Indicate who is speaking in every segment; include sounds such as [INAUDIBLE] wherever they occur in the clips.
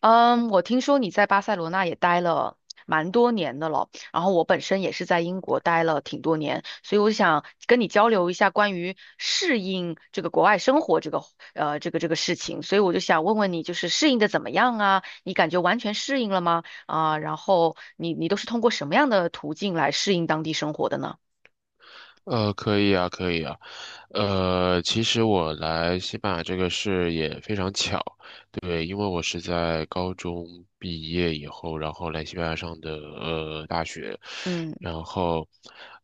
Speaker 1: 嗯，我听说你在巴塞罗那也待了蛮多年的了，然后我本身也是在英国待了挺多年，所以我想跟你交流一下关于适应这个国外生活这个事情，所以我就想问问你，就是适应的怎么样啊？你感觉完全适应了吗？啊，然后你都是通过什么样的途径来适应当地生活的呢？
Speaker 2: 可以啊，可以啊，其实我来西班牙这个事也非常巧，对，因为我是在高中毕业以后，然后来西班牙上的大学。
Speaker 1: 嗯
Speaker 2: 然后，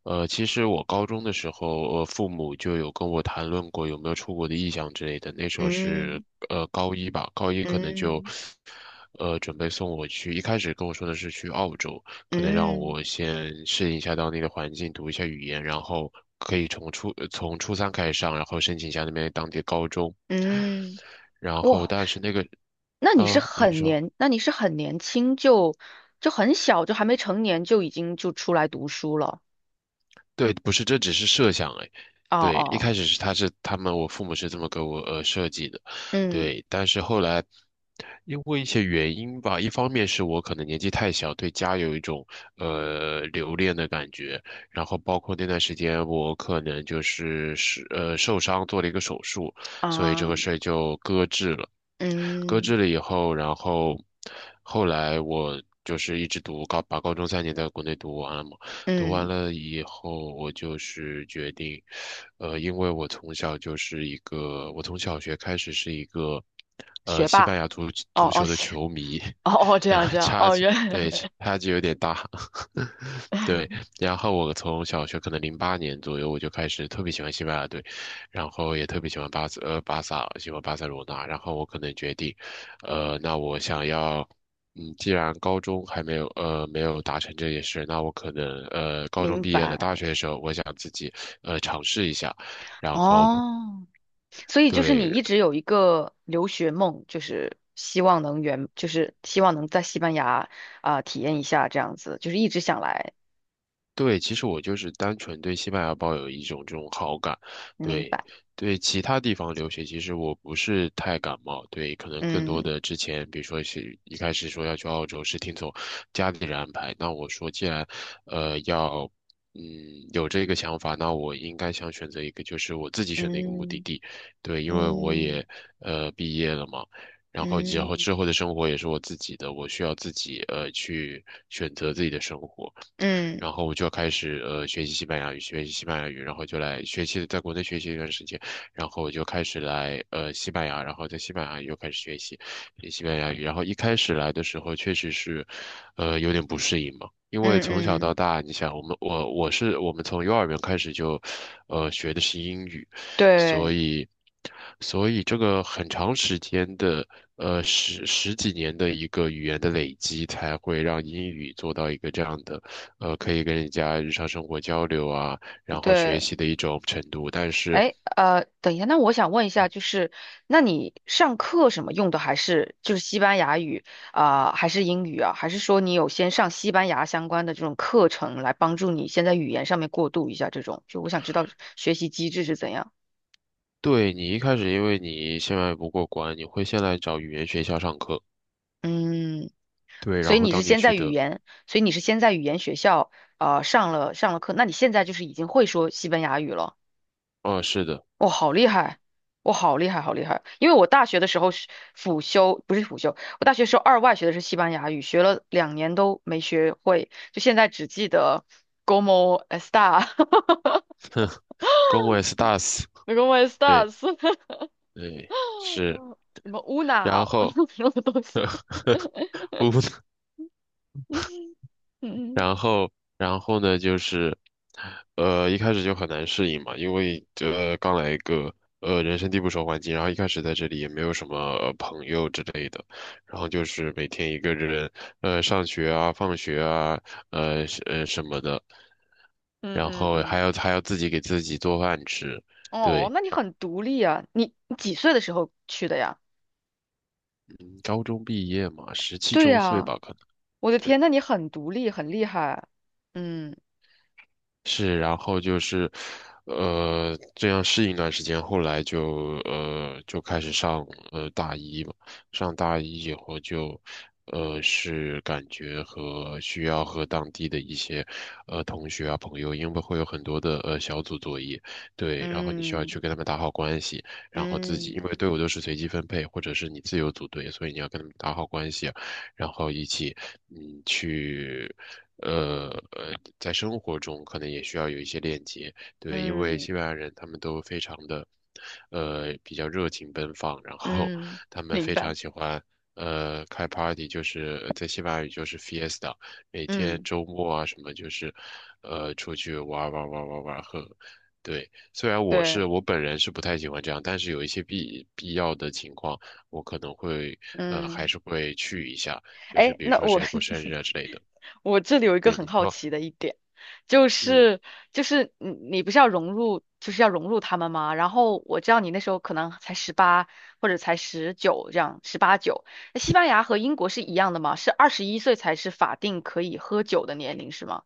Speaker 2: 其实我高中的时候，父母就有跟我谈论过有没有出国的意向之类的。那时候是
Speaker 1: 嗯
Speaker 2: 高一吧，高一可能就，
Speaker 1: 嗯
Speaker 2: 准备送我去，一开始跟我说的是去澳洲。可能让
Speaker 1: 嗯
Speaker 2: 我先适应一下当地的环境，读一下语言，然后可以从初三开始上，然后申请一下那边当地的高中，
Speaker 1: 嗯，
Speaker 2: 然后
Speaker 1: 哇！
Speaker 2: 但是那个你说。
Speaker 1: 那你是很年轻就很小，就还没成年就已经就出来读书了。
Speaker 2: 对，不是，这只是设想哎。
Speaker 1: 哦
Speaker 2: 对，一
Speaker 1: 哦，
Speaker 2: 开始是他是他们，我父母是这么给我设计的，
Speaker 1: 嗯
Speaker 2: 对。但是后来因为一些原因吧，一方面是我可能年纪太小，对家有一种留恋的感觉，然后包括那段时间我可能就是受伤做了一个手术，所以这
Speaker 1: 啊，
Speaker 2: 个事儿就搁置了。搁
Speaker 1: 嗯
Speaker 2: 置了以后，然后后来我就是一直读高，把高中3年在国内读完，了读完
Speaker 1: 嗯，
Speaker 2: 了以后，我就是决定，因为我从小就是一个，我从小学开始是一个，
Speaker 1: 学
Speaker 2: 西
Speaker 1: 霸。
Speaker 2: 班牙足
Speaker 1: 哦
Speaker 2: 足
Speaker 1: 哦，
Speaker 2: 球的球迷，
Speaker 1: 哦哦，
Speaker 2: [LAUGHS]
Speaker 1: 这样
Speaker 2: 啊，
Speaker 1: 这样，
Speaker 2: 差
Speaker 1: 哦，
Speaker 2: 距，对，差距有点大，[LAUGHS] 对。
Speaker 1: [LAUGHS]
Speaker 2: 然后我从小学可能2008年左右我就开始特别喜欢西班牙队，然后也特别喜欢巴萨，喜欢巴塞罗那。然后我可能决定，那我想要。既然高中还没有达成这件事，那我可能高中
Speaker 1: 明
Speaker 2: 毕业了，大
Speaker 1: 白。
Speaker 2: 学的时候我想自己尝试一下，然后
Speaker 1: 哦，所以就是你
Speaker 2: 对，
Speaker 1: 一直有一个留学梦，就是希望能圆，就是希望能在西班牙啊、体验一下这样子，就是一直想来。
Speaker 2: 对，其实我就是单纯对西班牙抱有一种这种好感，
Speaker 1: 明
Speaker 2: 对，
Speaker 1: 白。
Speaker 2: 对其他地方留学，其实我不是太感冒，对，可能更
Speaker 1: 嗯
Speaker 2: 多的之前，比如说是一开始说要去澳洲，是听从家里人安排，那我说既然，要，嗯，有这个想法，那我应该想选择一个，就是我自己选择一个目的
Speaker 1: 嗯
Speaker 2: 地，对，因为我
Speaker 1: 嗯
Speaker 2: 也，毕业了嘛。然后以后
Speaker 1: 嗯。
Speaker 2: 之后的生活也是我自己的，我需要自己去选择自己的生活。
Speaker 1: 嗯
Speaker 2: 然后我就开始学习西班牙语，学习西班牙语，然后就来学习，在国内学习一段时间，然后我就开始来西班牙，然后在西班牙又开始学西班牙语，然后一开始来的时候确实是，有点不适应嘛。因为
Speaker 1: 嗯
Speaker 2: 从小到
Speaker 1: 嗯，
Speaker 2: 大，你想，我们我我是我们从幼儿园开始就，学的是英语，所
Speaker 1: 对
Speaker 2: 以，所以这个很长时间的，十几年的一个语言的累积，才会让英语做到一个这样的，可以跟人家日常生活交流啊，然后学
Speaker 1: 对，
Speaker 2: 习的一种程度。但是，
Speaker 1: 哎，等一下，那我想问一下，就是那你上课什么用的还是就是西班牙语啊，还是英语啊，还是说你有先上西班牙相关的这种课程来帮助你先在语言上面过渡一下这种？就我想知道学习机制是怎样。
Speaker 2: 对你一开始，因为你现在不过关，你会先来找语言学校上课。
Speaker 1: 嗯，
Speaker 2: 对，
Speaker 1: 所
Speaker 2: 然
Speaker 1: 以
Speaker 2: 后
Speaker 1: 你是
Speaker 2: 当你
Speaker 1: 先
Speaker 2: 取
Speaker 1: 在语
Speaker 2: 得，
Speaker 1: 言，所以你是先在语言学校上了课，那你现在就是已经会说西班牙语了。
Speaker 2: 哦，是的
Speaker 1: 哇、好厉害！哇、好厉害，好厉害！因为我大学的时候是辅修，不是辅修，我大学时候二外学的是西班牙语，学了2年都没学会，就现在只记得 como está [LAUGHS]
Speaker 2: ，como estás？
Speaker 1: ，como
Speaker 2: 对
Speaker 1: estás，[LAUGHS]
Speaker 2: 对是，
Speaker 1: 什么 una
Speaker 2: 然后
Speaker 1: [LAUGHS] 什么东西。
Speaker 2: [LAUGHS] 乌
Speaker 1: [LAUGHS] 嗯
Speaker 2: 然后，然后呢，就是，一开始就很难适应嘛，因为刚来一个人生地不熟环境，然后一开始在这里也没有什么朋友之类的，然后就是每天一个人上学啊、放学啊，什么的，
Speaker 1: 嗯
Speaker 2: 然
Speaker 1: 嗯
Speaker 2: 后还要
Speaker 1: 嗯，
Speaker 2: 还要自己给自己做饭吃，
Speaker 1: 哦，
Speaker 2: 对，
Speaker 1: 那你很独立啊！你几岁的时候去的呀？
Speaker 2: 高中毕业嘛，十七
Speaker 1: 对
Speaker 2: 周岁
Speaker 1: 呀，
Speaker 2: 吧，可能。
Speaker 1: 我的天，
Speaker 2: 对。
Speaker 1: 那你很独立，很厉害。嗯
Speaker 2: 是，然后就是，这样适应一段时间，后来就开始上大一嘛，上大一以后就，是感觉和需要和当地的一些同学啊朋友，因为会有很多的小组作业，对，然后你需要
Speaker 1: 嗯
Speaker 2: 去跟他们打好关系，然后自己
Speaker 1: 嗯
Speaker 2: 因为队伍都是随机分配或者是你自由组队，所以你要跟他们打好关系啊然后一起去。呃呃，在生活中可能也需要有一些链接，对，因为
Speaker 1: 嗯。
Speaker 2: 西班牙人他们都非常的，比较热情奔放，然后
Speaker 1: 嗯，
Speaker 2: 他们
Speaker 1: 明
Speaker 2: 非常
Speaker 1: 白。
Speaker 2: 喜欢，开 party，就是在西班牙语就是 fiesta，每天
Speaker 1: 嗯，
Speaker 2: 周末啊什么就是，出去玩儿玩儿玩儿玩儿玩儿喝，对，虽然
Speaker 1: 对，
Speaker 2: 我本人是不太喜欢这样，但是有一些必要的情况，我可能会，还
Speaker 1: 嗯，
Speaker 2: 是会去一下。就是
Speaker 1: 哎，
Speaker 2: 比如
Speaker 1: 那
Speaker 2: 说
Speaker 1: 我
Speaker 2: 谁过生日
Speaker 1: [LAUGHS]
Speaker 2: 啊之类的。
Speaker 1: 我这里有一个
Speaker 2: 对，
Speaker 1: 很
Speaker 2: 你
Speaker 1: 好
Speaker 2: 说，
Speaker 1: 奇的一点，就
Speaker 2: 嗯，
Speaker 1: 是就是你不是要融入，就是要融入他们吗？然后我知道你那时候可能才十八或者才19这样，十八九。那西班牙和英国是一样的吗？是21岁才是法定可以喝酒的年龄是吗？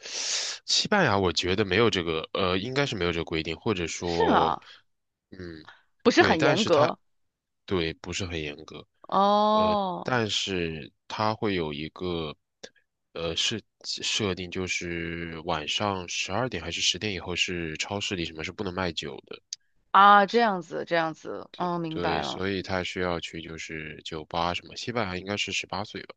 Speaker 2: 西班牙我觉得没有这个，应该是没有这个规定，或者
Speaker 1: 是
Speaker 2: 说，
Speaker 1: 啊，
Speaker 2: 嗯，
Speaker 1: 不是
Speaker 2: 对，
Speaker 1: 很
Speaker 2: 但
Speaker 1: 严
Speaker 2: 是它
Speaker 1: 格
Speaker 2: 对不是很严格，呃，
Speaker 1: 哦。
Speaker 2: 但是它会有一个，是设定就是晚上12点还是10点以后是超市里什么是不能卖酒的，
Speaker 1: 啊，这样子，这样子，嗯，明
Speaker 2: 对，
Speaker 1: 白了。
Speaker 2: 所以他需要去就是酒吧什么，西班牙应该是18岁吧，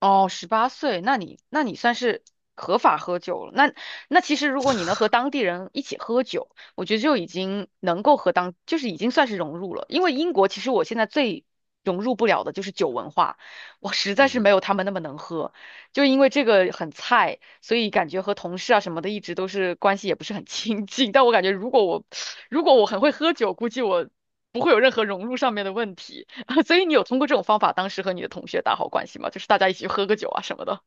Speaker 1: 哦，18岁，那你算是合法喝酒了。那其实如果你能和当地人一起喝酒，我觉得就已经能够就是已经算是融入了。因为英国其实我现在最融入不了的就是酒文化，我实在是没
Speaker 2: 嗯。
Speaker 1: 有他们那么能喝，就因为这个很菜，所以感觉和同事啊什么的一直都是关系也不是很亲近。但我感觉如果我 [SUCKS TEETH] 如果我很会喝酒，估计我不会有任何融入上面的问题。[LAUGHS] 所以你有通过这种方法，当时和你的同学打好关系吗？就是大家一起去喝个酒啊什么的。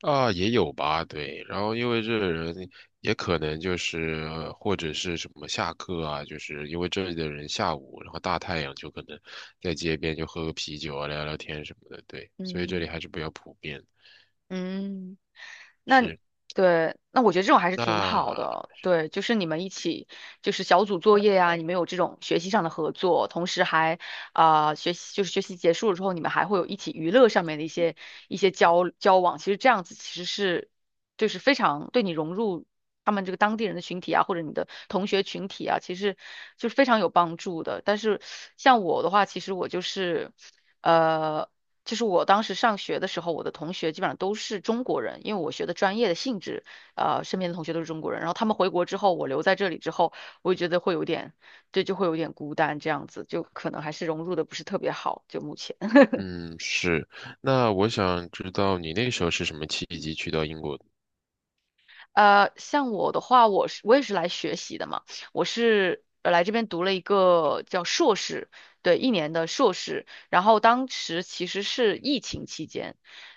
Speaker 2: 啊，也有吧，对。然后因为这人也可能就是或者是什么下课啊，就是因为这里的人下午，然后大太阳就可能在街边就喝个啤酒啊，聊聊天什么的，对。所以这
Speaker 1: 嗯
Speaker 2: 里还是比较普遍。
Speaker 1: 嗯，那
Speaker 2: 是，
Speaker 1: 对，那我觉得这种还是挺好
Speaker 2: 那
Speaker 1: 的。对，就是你们一起，就是小组作业呀、你们有这种学习上的合作，同时还就是学习结束了之后，你们还会有一起娱乐上面的一些交往。其实这样子其实是就是非常对你融入他们这个当地人的群体啊，或者你的同学群体啊，其实就是非常有帮助的。但是像我的话，其实我就是，呃，我当时上学的时候，我的同学基本上都是中国人，因为我学的专业的性质，身边的同学都是中国人。然后他们回国之后，我留在这里之后，我也觉得会有点，对，就会有点孤单这样子，就可能还是融入的不是特别好，就目前。
Speaker 2: 嗯是，那我想知道你那时候是什么契机去到英国的？
Speaker 1: 像我的话，我也是来学习的嘛，我是来这边读了一个叫硕士，对，一年的硕士。然后当时其实是疫情期间，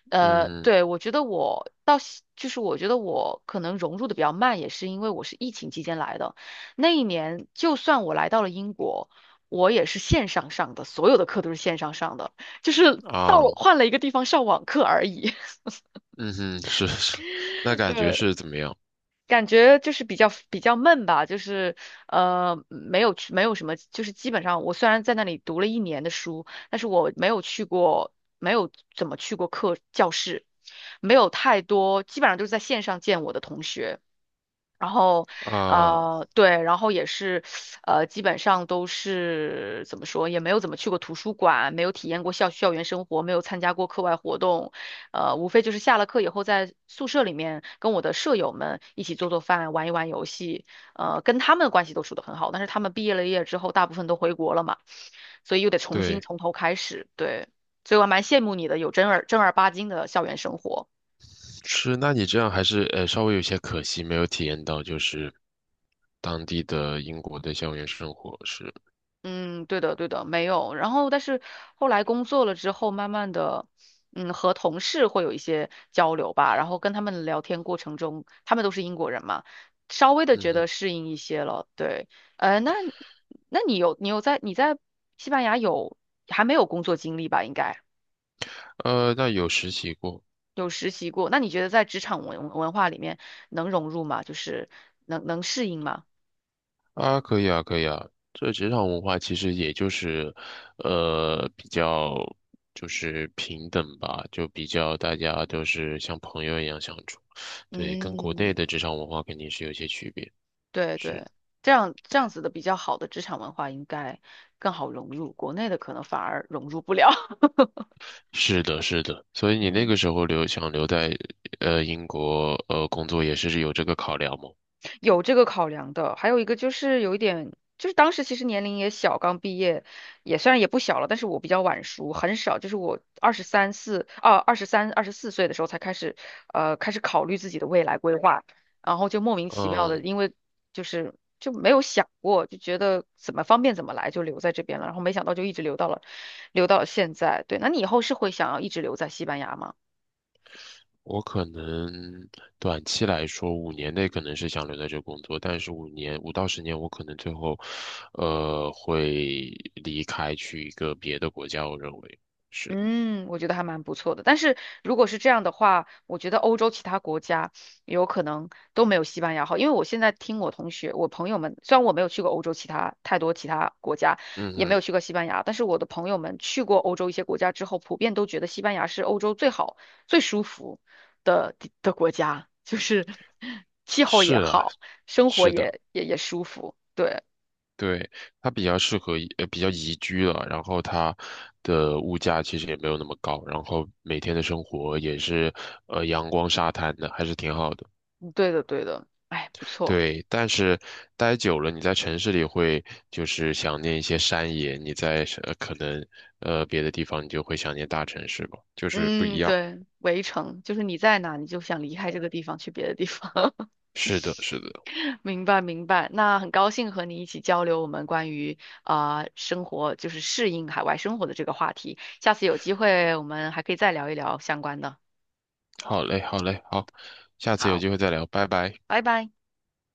Speaker 2: 嗯
Speaker 1: 对，我觉得我到现就是我觉得我可能融入的比较慢，也是因为我是疫情期间来的。那一年，就算我来到了英国，我也是线上上的，所有的课都是线上上的，就是到
Speaker 2: 啊，
Speaker 1: 了换了一个地方上网课而已。
Speaker 2: 嗯哼，是是，[LAUGHS] 那
Speaker 1: [LAUGHS]
Speaker 2: 感觉
Speaker 1: 对。
Speaker 2: 是怎么样
Speaker 1: 感觉就是比较闷吧，就是没有什么，就是基本上我虽然在那里读了一年的书，但是我没有去过，没有怎么去过课教室，没有太多，基本上都是在线上见我的同学。然后，
Speaker 2: 啊？
Speaker 1: 对，然后也是，基本上都是怎么说，也没有怎么去过图书馆，没有体验过校园生活，没有参加过课外活动，无非就是下了课以后在宿舍里面跟我的舍友们一起做做饭，玩一玩游戏，跟他们关系都处得很好，但是他们毕业了之后，大部分都回国了嘛，所以又得重新
Speaker 2: 对。
Speaker 1: 从头开始，对，所以我还蛮羡慕你的，有正儿八经的校园生活。
Speaker 2: 是，那你这样还是稍微有些可惜，没有体验到就是当地的英国的校园生活是，
Speaker 1: 嗯，对的，对的，没有。然后，但是后来工作了之后，慢慢的，嗯，和同事会有一些交流吧。然后跟他们聊天过程中，他们都是英国人嘛，稍微的
Speaker 2: 嗯
Speaker 1: 觉得
Speaker 2: 哼，
Speaker 1: 适应一些了。对，呃，那那你有你有在你在西班牙还没有工作经历吧？应该
Speaker 2: 那有实习过
Speaker 1: 有实习过。那你觉得在职场文化里面能融入吗？就是能适应吗？
Speaker 2: 啊，可以啊，可以啊。这职场文化其实也就是，比较就是平等吧，就比较大家都是像朋友一样相处，对，跟国内
Speaker 1: 嗯
Speaker 2: 的职场文化肯定是有些区别，
Speaker 1: 对对，
Speaker 2: 是。
Speaker 1: 这样这样子的比较好的职场文化应该更好融入，国内的可能反而融入不了。[LAUGHS]
Speaker 2: 是的，是的，所以你那个
Speaker 1: 嗯。
Speaker 2: 时候想留在英国工作也是有这个考量吗？
Speaker 1: 有这个考量的，还有一个就是有一点，就是当时其实年龄也小，刚毕业，也虽然也不小了，但是我比较晚熟，很少，就是我二十三四啊，二十三、24岁的时候才开始，开始考虑自己的未来规划，然后就莫名其妙的，
Speaker 2: 嗯，
Speaker 1: 因为就是就没有想过，就觉得怎么方便怎么来，就留在这边了，然后没想到就一直留到了现在。对，那你以后是会想要一直留在西班牙吗？
Speaker 2: 我可能短期来说5年内可能是想留在这工作，但是5到10年我可能最后会离开去一个别的国家，我认为是，
Speaker 1: 嗯，我觉得还蛮不错的。但是如果是这样的话，我觉得欧洲其他国家有可能都没有西班牙好，因为我现在听我同学、我朋友们，虽然我没有去过欧洲其他国家，
Speaker 2: 嗯
Speaker 1: 也没有
Speaker 2: 嗯，
Speaker 1: 去过西班牙，但是我的朋友们去过欧洲一些国家之后，普遍都觉得西班牙是欧洲最好、最舒服的国家，就是 [LAUGHS] 气候
Speaker 2: 是
Speaker 1: 也
Speaker 2: 啊，
Speaker 1: 好，生活
Speaker 2: 是的。
Speaker 1: 也舒服。对，
Speaker 2: 对，它比较适合宜呃，比较宜居了，然后它的物价其实也没有那么高，然后每天的生活也是，阳光沙滩的，还是挺好的。
Speaker 1: 嗯对的，对的，哎，不错。
Speaker 2: 对，但是待久了，你在城市里会就是想念一些山野，你在可能别的地方你就会想念大城市吧，就是不一
Speaker 1: 嗯，
Speaker 2: 样。
Speaker 1: 对，围城就是你在哪，你就想离开这个地方去别的地方。
Speaker 2: 是的，是的。
Speaker 1: [LAUGHS] 明白，明白。那很高兴和你一起交流我们关于生活，就是适应海外生活的这个话题。下次有机会我们还可以再聊一聊相关的。
Speaker 2: 好嘞，好嘞，好，下次有
Speaker 1: 好，
Speaker 2: 机会再聊，拜拜。
Speaker 1: 拜拜。